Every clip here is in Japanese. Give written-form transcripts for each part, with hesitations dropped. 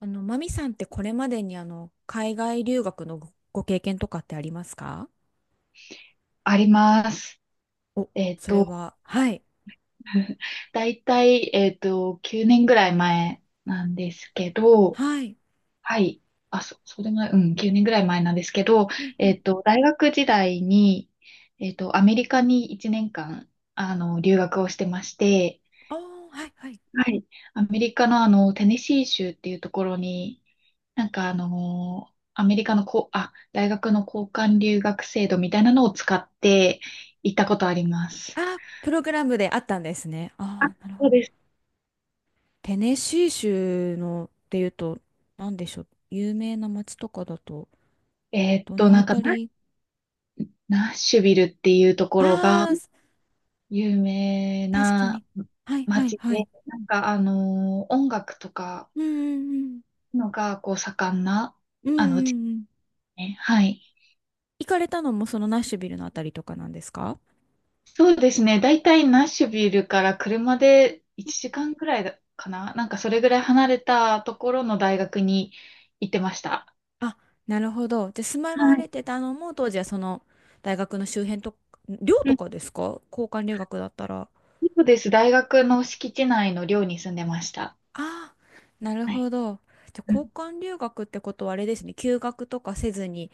マミさんってこれまでに海外留学のご経験とかってありますか？あります。お、えっそれと、は、はい、だいたい、9年ぐらい前なんですけど、はい。はい。そうでもない、うん、9年ぐらい前なんですけど、うんうん。大学時代に、アメリカに1年間、留学をしてまして、ああ、はい、はい。はい。アメリカのテネシー州っていうところに、なんかアメリカのこう、大学の交換留学制度みたいなのを使って行ったことあります。ああ、プログラムであったんですね。あ、ああ、なるほそうど。です。テネシー州のっていうと、なんでしょう。有名な街とかだと、どのなあんかたり？ナッシュビルっていうところがああー、有名確かなに。はい、はい、街はで、い。なんか音楽とかうんうんのがこう盛んな、うん。うんう地んうん。ね。はい。行かれたのもそのナッシュビルのあたりとかなんですか？そうですね。だいたいナッシュビルから車で1時間くらいだかな。なんかそれぐらい離れたところの大学に行ってました。あ、なるほど。で、住まはわれてい。たのも、当時はその大学の周辺と、寮うとん。かですか、交換留学だったら。そうです。大学の敷地内の寮に住んでました。ああ、なるはほい。ど。じゃあ、う交ん。換留学ってことはあれですね。休学とかせずに、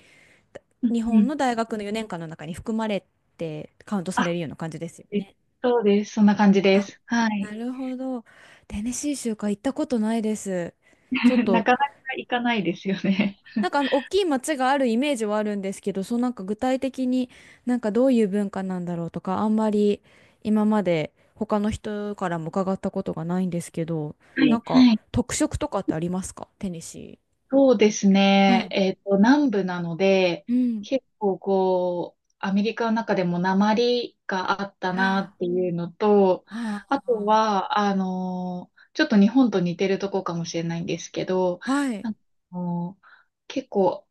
だうん。日う本ん。の大学の4年間の中に含まれてカウントされあ、るような感じですよえね。そうです。そんな感じであ、す。はない。るほど。テネシー州か行ったことないです。ちょっ なと、かなか行かないですよね。なんか大きい町があるイメージはあるんですけど、そう、なんか具体的に、なんかどういう文化なんだろうとか、あんまり今まで他の人からも伺ったことがないんですけど、はなんい。かはい。特色とかってありますか、テネシそうですー？はね。い。南部なので、うん。結構こう、アメリカの中でも訛りがあったなあっていうのと、あ、あとは、ちょっと日本と似てるとこかもしれないんですけど、はい。なんかあのー結構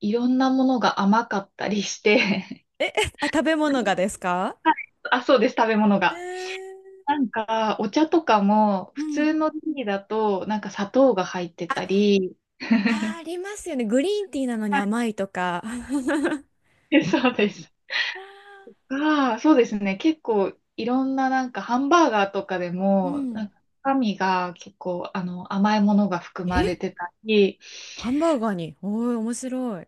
いろんなものが甘かったりして、え、あ、食べ物がですか？ はい。あ、そうです、食べ物えが。ー、なんか、お茶とかも、う普ん。通のティーだと、なんか砂糖が入ってたり、あー、ありますよね。グリーンティーなのには甘いとか。い、そうです。が、そうですね。結構、いろんななんか、ハンバーガーとかでうも、なん。んか、中身が結構、甘いものが 含まれえ、てたり、ハンバーガーに。おー、面白い。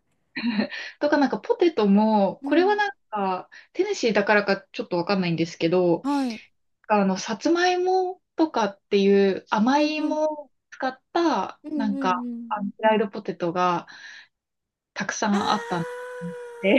とかなんか、ポテトも、うこれはん。なんか、テネシーだからかちょっとわかんないんですけど、はい。さつまいもとかっていう甘うんいうん芋を使った、うんなうんんか、うん。フライドポテトが、たくさあんあったんで、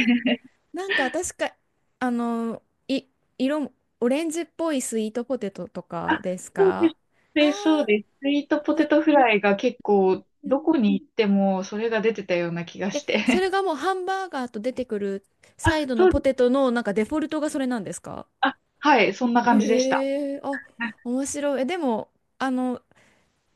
ー、なんか確か、あの、い、色も、オレンジっぽいスイートポテトと かあ、ですそうでか？す。あで、そうです。スイートー。ポテトフライが結構、どこに行ってもそれが出てたような気がえ、しそて。れがもうハンバーガーと出てくる サあ、イドのそうポです。テトのなんかデフォルトがそれなんですか？あ、はい、そんな感じでした。ええ、あ、はい。面白い。え、でも、あの、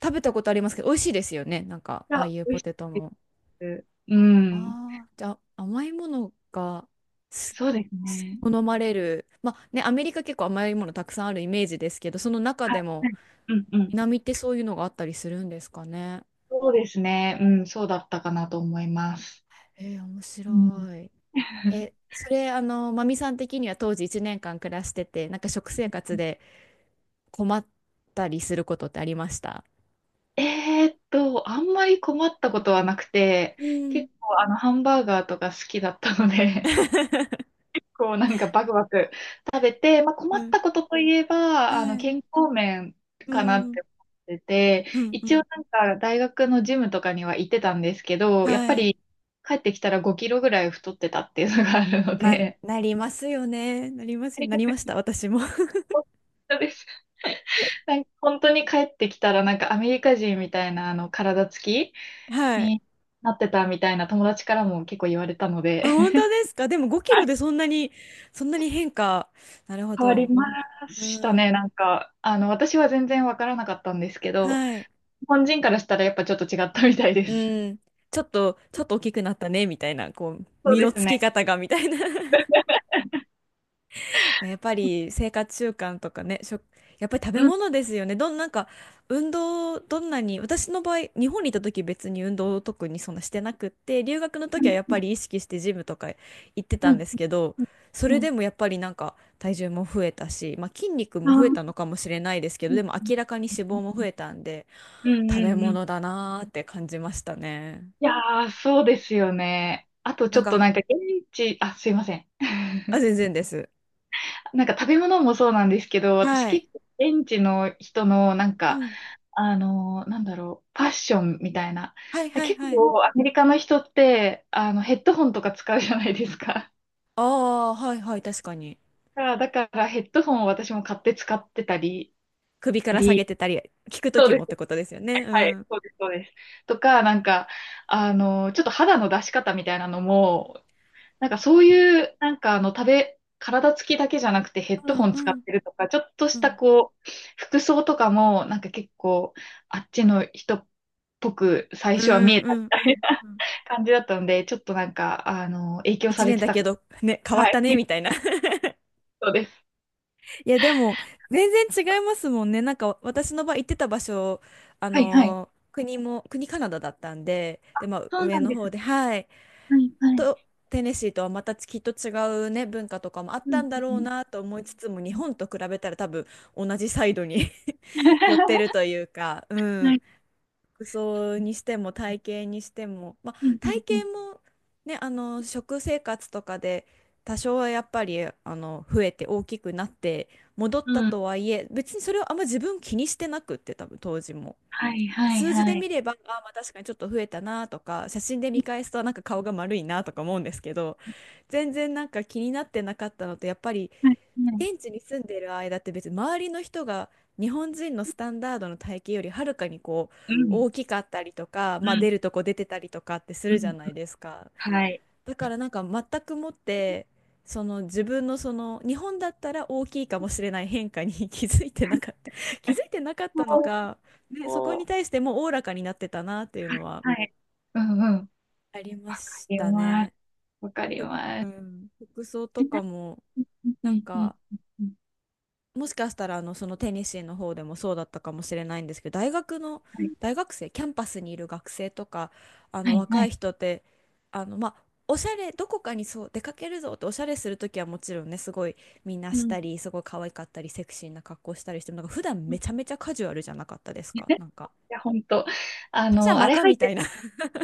食べたことありますけど、美味しいですよね。なんか、あああ、いう美味ポしテトいも。です。うん。ああ、じゃあ甘いものがすそうですね。好まれる。まあね、アメリカ結構甘いものたくさんあるイメージですけど、その中はでい。もはい。うん、うん。南ってそういうのがあったりするんですかね。そうですね。うん、そうだったかなと思います。えー、面うん。白い。え、それ、マミさん的には当時1年間暮らしてて、なんか食生活で困ったりすることってありました？あんまり困ったことはなくて、うん。結構ハンバーガーとか好きだったので、こうなんかバクバク食べて、まあ、困っうん。たことといえば、はい。健康面うかなっん。て思ってて、うん。う一ん。応なんか大学のジムとかには行ってたんですけど、やっはぱい。り帰ってきたら5キロぐらい太ってたっていうのがあるのまあ、で、なりますよね。なりますよ。なり ました、私も。本当です。なんか本当に帰ってきたらなんかアメリカ人みたいなあの体つきはい。になってたみたいな友達からも結構言われたので。 あ、本当ですか？でも5キロでそんなに、そんなに変化。なるほ 変わりど。まうしたん。ね。なんか、私は全然わからなかったんですけど、はい。日本人からしたらやっぱちょっと違ったみたいでうす。ん。ちょっと、ちょっと大きくなったね、みたいな、こう、そう身でのすつね。き方が、みたいな。まあやっぱり生活習慣とかね、やっぱり食べうん、物ですよね。なんか運動、どんなに、私の場合、日本にいた時別に運動を特にそんなしてなくって、留学のう時はやっん、ぱり意識してジムとか行ってたうんん、ですけど、そうれん。でもやっぱりなんか体重も増えたし、まあ、筋肉あもあ増えたー、のかもしれないですけど、うでん、も明らかに脂肪も増えたんで、うん、食うべん。うん。物だなーって感じましたね。いやー、そうですよね。あとなちんょっとなんか、かあ、すいません。あ、全然です。なんか食べ物もそうなんですけど、私はい。結構現地の人のなんうか、ん。なんだろう、ファッションみたいな。はいはい結はい。構アメリカの人って、ヘッドホンとか使うじゃないですか。ああ、はいはい、確かに。だから、ヘッドホンを私も買って使ってたり、首から下げり、てたり、聞くときもってことですよね。うはい、ん。そうです、そうです。とか、なんか、ちょっと肌の出し方みたいなのも、なんかそういう、なんか体つきだけじゃなくてヘッうドホんンう使っんてるとか、ちょっとしうたんこう、服装とかも、なんか結構、あっちの人っぽく最う初は見んえうたんうんうん。感じだったので、ちょっとなんか、影響さ一れ年てだた。けど、ね、変わはったい、ね、みた いな。そうです。いや、でも、全然違いますもんね。なんか、私の場合行ってた場所、はい、はい。国カナダだったんで、で、まあ、そう上なんのです。方で、はい。はい、はい。と、テネシーとはまたきっと違うね、文化とかもあっうたん、んだうろうん、なと思いつつも、日うん。本と比べたら多分、同じサイドに 寄ってる というか、うはん。い。服装にしても体型にしても、まあ、うん、う体ん、うん。型もね、食生活とかで多少はやっぱり増えて大きくなって戻ったうん。とはいえ、別にそれをあんま自分気にしてなくって、多分当時も。はい、はい、数字はでい。見れば、まあ確かにちょっと増えたなとか、写真で見返すとなんか顔が丸いなとか思うんですけど、全然なんか気になってなかったのと、やっぱりはい、はい。現地に住んでる間って、別に周りの人が日本人のスタンダードの体型よりはるかにこううん、大きかったりとか、うまあ、ん、出るとこ出てたりとかってすうるじゃん。ないですか。はい。だからなんか全くもって、その自分の日本だったら大きいかもしれない変化に 気づいてなかった 気づいてなかっそたのう、か、ね、そこに対してもうおおらかになってたなっていうのははい。うん、うん。ありまわかしりたまね。す。わかりふまうす。ん、服装とかうもん、うなんん、うん、か、うん。もしかしたらテニシーの方でもそうだったかもしれないんですけど、はい。大学生、キャンパスにいる学生とか、はい、は若いい。人って、まあおしゃれ、どこかにそう出かけるぞっておしゃれする時はもちろんね、すごいみんなうしん。たいり、すごい可愛かったりセクシーな格好したりしても、なんか普段めちゃめちゃカジュアルじゃなかったですか、なんか。や、ほんと。パジャあマれか入っみたいて、な。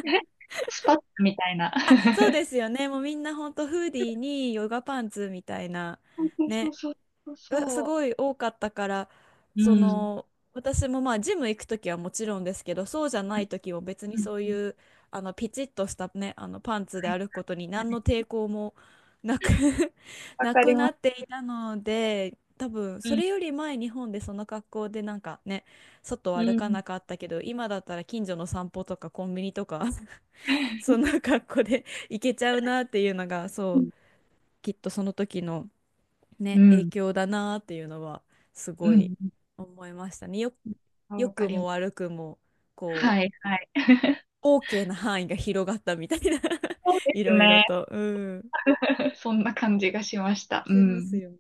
スパッみたいな。そう ですよね、もうみんなほんとフーディーにヨガパンツみたいなそう、そう、ね、そう、そう、がすそごい多かったから、う。うそん。うの私もまあジム行く時はもちろんですけど、そうじゃないん、時も別にうん、そううん。いう、ピチッとしたね、パンツではい、歩くことには何のい。抵抗もなく わなかくりまなっす。ていたので、多分うそん。れより前、日本でその格好でなんかね、外をう歩かん。なかったけど、今だったら近所の散歩とかコンビニとか そんな格好で行けちゃうなっていうのが、そううん。きっとその時の、うね、影ん。響だなっていうのはすうごいん。思いましたね。あ、良わかくりまもす。悪くも、こはい、はい。う、OK な範囲が広がったみたいな。 そうでいすろいろね。と。うん。そんな感じがしました。うしますん。よね。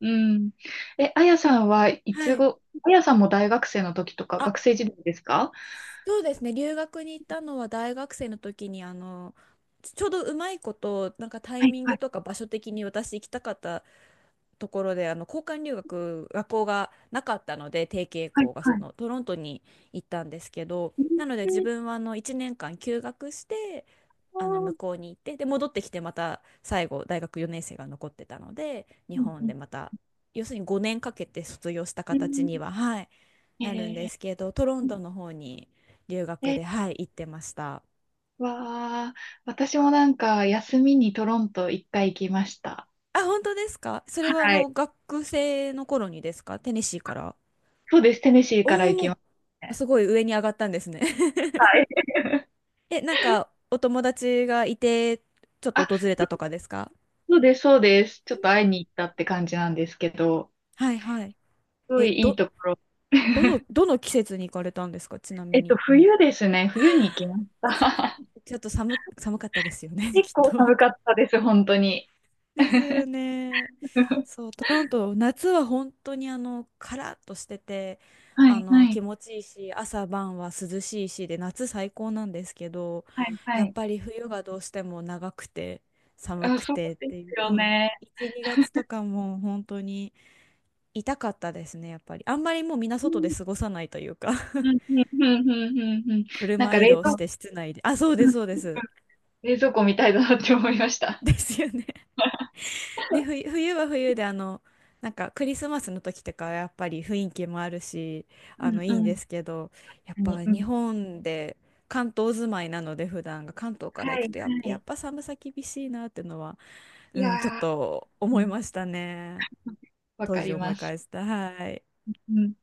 うん。え、あやさんはいはつい。ご、あやさんも大学生の時とか、あ、学生時代ですか？そうですね。留学に行ったのは大学生の時に、ちょうどうまいこと、なんかタイはい、ミンはグい、とか場所的に私行きたかったところで交換留学学校がなかったので、定型はい、校がそはい。のトロントに行ったんですけど、うん、なので自うん、分は1年間休学して向こうに行って、で戻ってきて、また最後大学4年生が残ってたので日う本でん、また、要するに5年かけて卒業したう形ん。には、はい、なるんですえけど、トロントの方に留学で、え、はい、行ってました。わあ、私もなんか休みにトロント一回行きました。あ、本当ですか？それははい。学生の頃にですか、テネシーから。そうです、テネシーから行おきおましたー、ね。すごい上に上がったんですね。はい。え、なんかお友達がいて、ちょっとあ、訪れたとかですか？そうです、そうです。ちょっと会いに行ったって感じなんですけど、はいはい。すごいえ、いいど、ところ。どの、どの季節に行かれたんですか、ちなみに。冬ですね。冬に行きましそっか、た。ちょっと寒かったですよね、結きっ構と。寒かったです、本当に。ですよね。そう、トロント、夏は本当にカラッとしてて、はい、はい、気持ちいいし、朝晩は涼しいしで、夏最高なんですけど、はい、はやっい。ぱり冬がどうしても長くて、寒あ、くそうてっでていすう、そようん、ね。1、2月とかも本当に痛かったですね、やっぱり。あんまりもうみんなう外でん、過ごさないというか う ん、うん、うん、うん、うん。うん。なん車か移動して室内で。あ、そううです、そうん、です。冷蔵庫みたいだなって思いました。ですよね。ね、冬は冬で、なんかクリスマスの時とかはやっぱり雰囲気もあるし、うん、いいんうでん。すけど、やっぱ何、う日ん。本で関東住まいなので、普段が関東からは行くい、とやっ、はやっい。ぱ寒さ厳しいなっていうのは、いうやん、ちょっー、とう思いん、ましたね、わ当か時り思まいす。返した、はいうん